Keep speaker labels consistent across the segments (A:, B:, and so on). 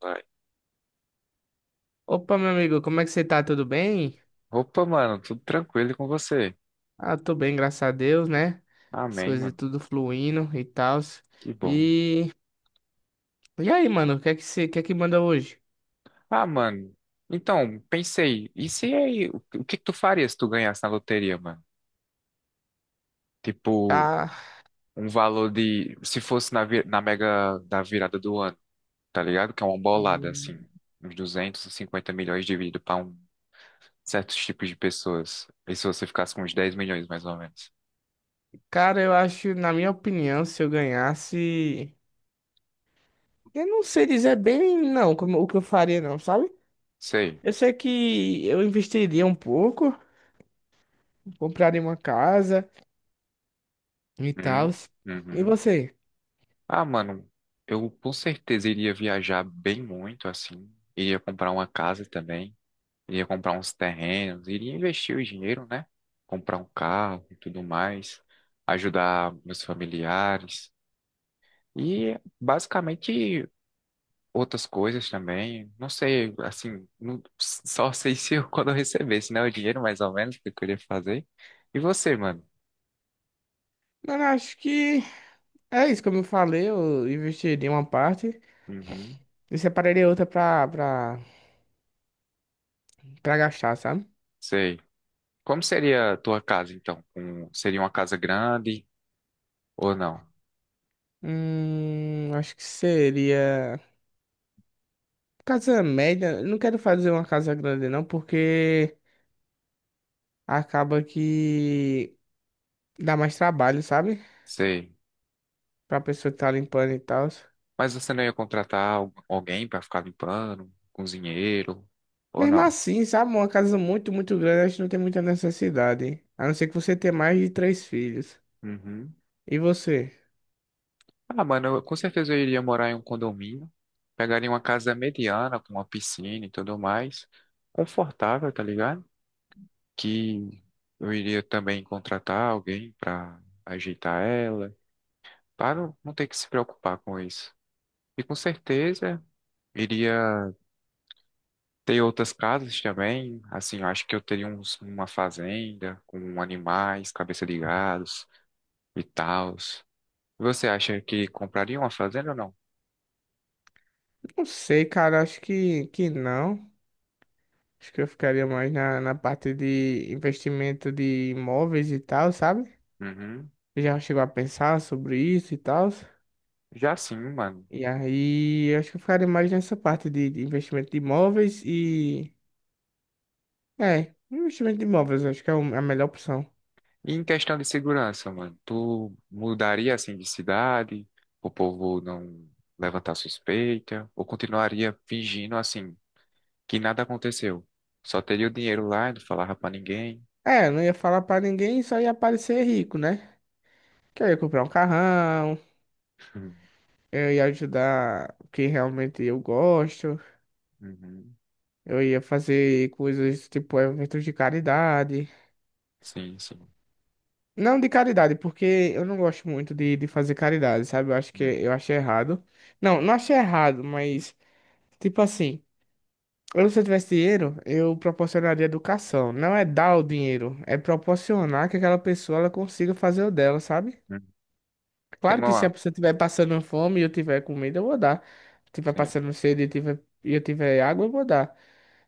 A: Vai.
B: Opa, meu amigo, como é que você tá? Tudo bem?
A: Opa, mano, tudo tranquilo e com você?
B: Ah, tô bem, graças a Deus, né? As
A: Amém,
B: coisas
A: mano.
B: tudo fluindo e tal.
A: Que bom.
B: E e aí, mano, o que é que manda hoje?
A: Ah, mano, então, pensei, e se aí, o que que tu faria se tu ganhasse na loteria, mano? Tipo,
B: Ah,
A: um valor de, se fosse na mega da virada do ano, tá ligado? Que é uma bolada, assim,
B: hum,
A: uns 250 milhões dividido pra um certos tipos de pessoas. E se você ficasse com uns 10 milhões, mais ou menos?
B: Cara, eu acho, na minha opinião, se eu ganhasse, eu não sei dizer bem não, como o que eu faria não, sabe?
A: Sei.
B: Eu sei que eu investiria um pouco, compraria uma casa e tal.
A: Hum,
B: E
A: uhum.
B: você?
A: Ah, mano, eu com certeza iria viajar bem muito, assim. Iria comprar uma casa também. Iria comprar uns terrenos. Iria investir o dinheiro, né? Comprar um carro e tudo mais. Ajudar meus familiares. E basicamente outras coisas também. Não sei, assim, só sei se eu, quando eu recebesse, né? O dinheiro, mais ou menos, que eu queria fazer. E você, mano?
B: Mano, acho que é isso, como eu falei, eu investiria uma parte.
A: Uhum,
B: Eu separei outra pra gastar, sabe?
A: sei. Como seria a tua casa, então? Seria uma casa grande ou não?
B: Acho que seria. Casa média. Não quero fazer uma casa grande, não, porque acaba que dá mais trabalho, sabe?
A: Sei.
B: Pra pessoa que tá limpando e tal.
A: Mas você não ia contratar alguém pra ficar limpando, cozinheiro, ou
B: Mesmo
A: não?
B: assim, sabe? Uma casa muito, muito grande, acho que não tem muita necessidade. A não ser que você tenha mais de três filhos.
A: Uhum.
B: E você?
A: Ah, mano, eu, com certeza eu iria morar em um condomínio, pegaria uma casa mediana, com uma piscina e tudo mais, confortável, tá ligado? Que eu iria também contratar alguém pra ajeitar ela, para não ter que se preocupar com isso. E com certeza iria. Tem outras casas também, assim, eu acho que eu teria uma fazenda com animais, cabeça de gados e tals. Você acha que compraria uma fazenda ou não?
B: Não sei, cara. Acho que não. Acho que eu ficaria mais na parte de investimento de imóveis e tal, sabe?
A: Uhum.
B: Já chegou a pensar sobre isso e tal?
A: Já sim, mano.
B: E aí, eu acho que eu ficaria mais nessa parte de investimento de imóveis e. É, investimento de imóveis, eu acho que é a melhor opção.
A: E em questão de segurança, mano, tu mudaria assim de cidade, o povo não levantar suspeita, ou continuaria fingindo assim, que nada aconteceu? Só teria o dinheiro lá e não falava pra ninguém.
B: É, eu não ia falar pra ninguém, só ia parecer rico, né? Que eu ia comprar um carrão, eu ia ajudar quem realmente eu gosto,
A: Uhum.
B: eu ia fazer coisas tipo eventos de caridade.
A: Sim, sim.
B: Não de caridade, porque eu não gosto muito de fazer caridade, sabe? Eu acho que
A: Uhum.
B: eu achei errado. Não, não achei errado, mas tipo assim. Eu, se eu tivesse dinheiro, eu proporcionaria educação. Não é dar o dinheiro, é proporcionar que aquela pessoa ela consiga fazer o dela, sabe?
A: Tem
B: Claro que se a
A: uma.
B: pessoa estiver passando fome e eu tiver comida, eu vou dar. Se tiver passando sede e eu tiver água, eu vou dar.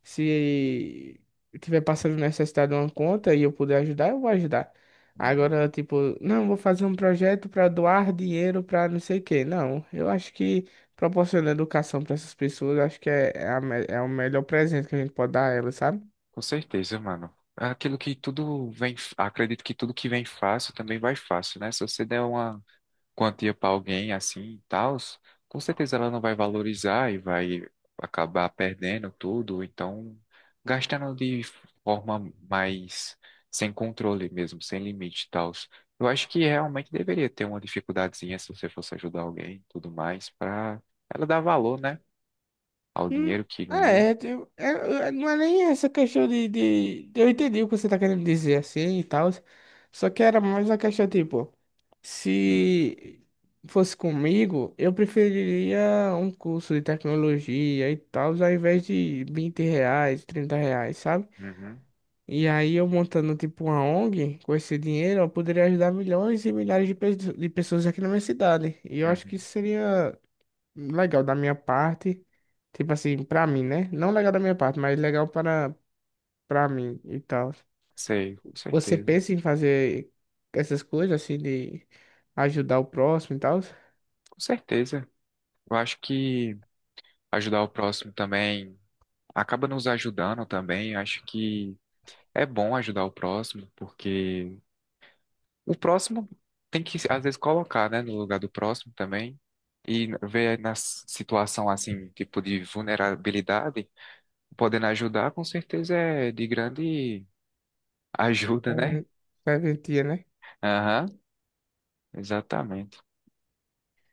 B: Se eu tiver passando necessidade de uma conta e eu puder ajudar, eu vou ajudar.
A: Uhum.
B: Agora, tipo, não, vou fazer um projeto para doar dinheiro para não sei o quê. Não, eu acho que proporcionar educação para essas pessoas, acho que é o melhor presente que a gente pode dar a elas, sabe?
A: Com certeza, mano. É aquilo que tudo vem, acredito que tudo que vem fácil também vai fácil, né? Se você der uma quantia pra alguém assim e tal, com certeza ela não vai valorizar e vai acabar perdendo tudo, então gastando de forma mais sem controle mesmo, sem limite e tal. Eu acho que realmente deveria ter uma dificuldadezinha se você fosse ajudar alguém e tudo mais, pra ela dar valor, né? Ao
B: Hum,
A: dinheiro que ganhou.
B: É, eu- é, não é nem essa questão Eu entendi o que você tá querendo dizer assim e tal. Só que era mais a questão, tipo, se fosse comigo, eu preferiria um curso de tecnologia e tal, ao invés de 20 reais, 30 reais, sabe?
A: Uhum,
B: E aí eu montando, tipo, uma ONG com esse dinheiro, eu poderia ajudar milhões e milhares de pessoas aqui na minha cidade. E eu acho
A: uhum.
B: que isso seria legal da minha parte, tipo assim, pra mim, né? Não legal da minha parte, mas legal para mim e tal.
A: Sei, com
B: Você
A: certeza.
B: pensa em fazer essas coisas assim de ajudar o próximo e tal?
A: Com certeza. Eu acho que ajudar o próximo também acaba nos ajudando também. Eu acho que é bom ajudar o próximo, porque o próximo tem que, às vezes, colocar, né, no lugar do próximo também. E ver na situação assim, tipo de vulnerabilidade, podendo ajudar, com certeza é de grande ajuda, né?
B: Serven- Serventia, né?
A: Aham, exatamente.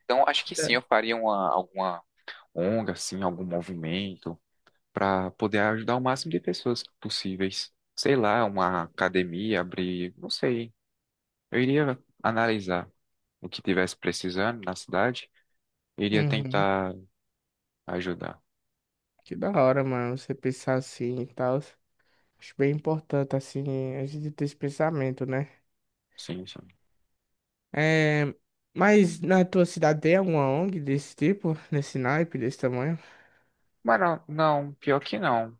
A: Então, acho
B: Que
A: que
B: da...
A: sim, eu faria uma, alguma ONG, assim, algum movimento para poder ajudar o máximo de pessoas possíveis. Sei lá, uma academia, abrir, não sei. Eu iria analisar o que tivesse precisando na cidade, iria
B: Uhum.
A: tentar ajudar.
B: Que da hora, mano, você pensar assim e tal. Acho bem importante, assim, a gente ter esse pensamento, né?
A: Sim, sim.
B: É... Mas na tua cidade tem alguma ONG desse tipo, nesse naipe, desse tamanho?
A: Mas não, não, pior que não.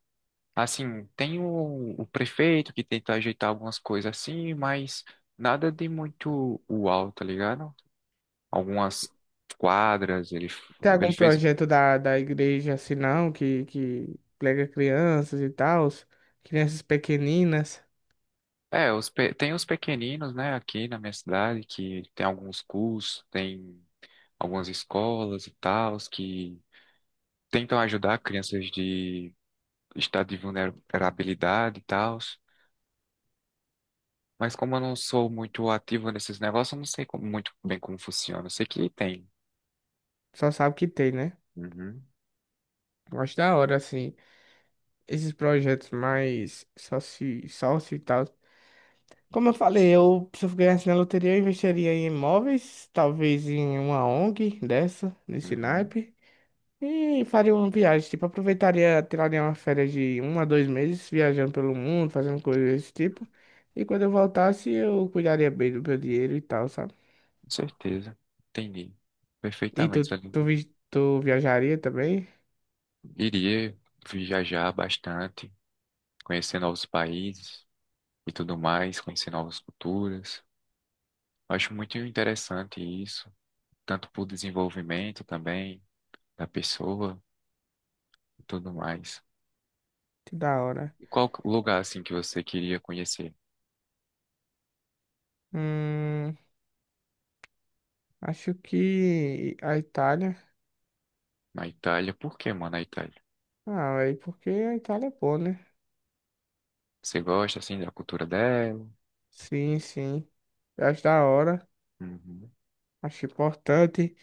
A: Assim, tem o prefeito que tenta ajeitar algumas coisas assim, mas nada de muito uau, tá ligado? Algumas quadras, ele, f-
B: Tem
A: ele
B: algum
A: fez.
B: projeto da igreja assim não, que prega crianças e tal, crianças pequeninas,
A: É, tem os pequeninos, né, aqui na minha cidade, que tem alguns cursos, tem algumas escolas e tal, que tentam ajudar crianças de estado de vulnerabilidade e tal. Mas como eu não sou muito ativo nesses negócios, eu não sei muito bem como funciona. Eu sei que tem.
B: só sabe que tem, né?
A: Uhum,
B: Eu acho da hora, assim, esses projetos mais sócio e tal. Como eu falei, eu, se eu ganhasse na loteria, eu investiria em imóveis, talvez em uma ONG dessa, nesse
A: uhum,
B: naipe. E faria uma viagem, tipo, aproveitaria, tiraria uma férias de um a dois meses viajando pelo mundo, fazendo coisas desse tipo. E quando eu voltasse, eu cuidaria bem do meu dinheiro e tal, sabe?
A: com certeza. Entendi.
B: E
A: Perfeitamente. Eu
B: tu viajaria também?
A: iria viajar bastante, conhecer novos países e tudo mais, conhecer novas culturas. Acho muito interessante isso, tanto para o desenvolvimento também da pessoa e tudo mais.
B: Que da hora.
A: E qual lugar assim que você queria conhecer?
B: Hum, acho que a Itália.
A: Na Itália? Por que, mano, na Itália?
B: Ah, aí porque a Itália é boa, né?
A: Você gosta assim da cultura dela?
B: Sim, sim. Eu acho da hora.
A: Uhum.
B: Acho importante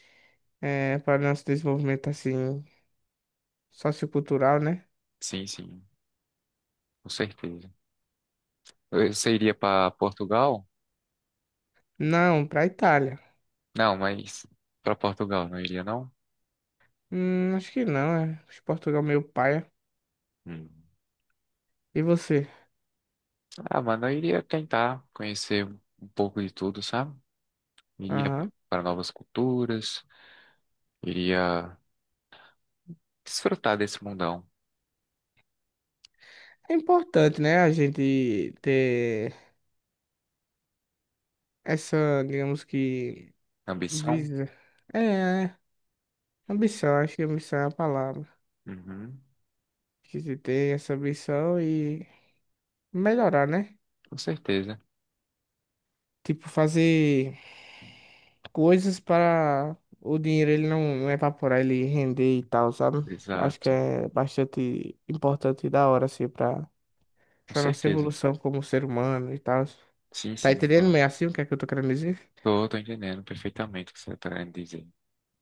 B: é, para nosso desenvolvimento, assim, sociocultural, né?
A: Sim, sim, com certeza. Você iria para Portugal?
B: Não, para a Itália.
A: Não, mas para Portugal não iria não?
B: Acho que não, é. Acho que Portugal é meio paia.
A: Hum.
B: E você?
A: Ah, mano, eu iria tentar conhecer um pouco de tudo, sabe? Iria
B: Aham.
A: para novas culturas, iria desfrutar desse mundão.
B: É importante, né, a gente ter essa, digamos que,
A: Ambição?
B: visa. É, é, Ambição, acho que ambição é a palavra.
A: Uhum.
B: Que se tem essa ambição e melhorar, né?
A: Com certeza.
B: Tipo, fazer coisas para o dinheiro ele não evaporar, ele render e tal, sabe? Acho que
A: Exato.
B: é bastante importante e da hora, assim,
A: Com
B: para nossa
A: certeza.
B: evolução como ser humano e tal.
A: Sim,
B: Tá
A: sim,
B: entendendo
A: claro.
B: meio assim o que é que eu tô querendo dizer?
A: Tô entendendo perfeitamente o que você tá querendo dizer.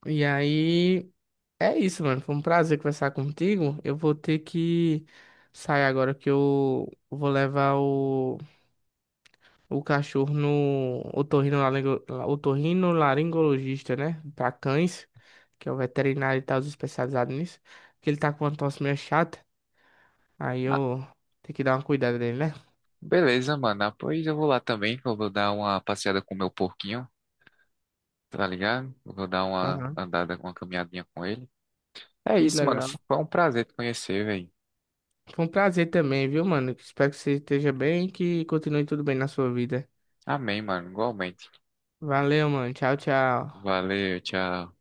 B: E aí, é isso, mano. Foi um prazer conversar contigo. Eu vou ter que sair agora que eu vou levar o cachorro no otorrinolaringologista, né? Pra cães, que é o veterinário e tal, especializado nisso. Porque ele tá com uma tosse meio chata. Aí
A: Ah,
B: eu tenho que dar uma cuidada dele, né?
A: beleza, mano. Ah, pois eu vou lá também, que eu vou dar uma passeada com o meu porquinho, tá ligado? Eu vou dar uma
B: Aham.
A: andada, uma caminhadinha com ele. É
B: Que
A: isso, mano.
B: legal.
A: Foi um prazer te conhecer, velho.
B: Foi um prazer também, viu, mano? Espero que você esteja bem e que continue tudo bem na sua vida.
A: Amém, mano. Igualmente.
B: Valeu, mano. Tchau, tchau.
A: Valeu, tchau.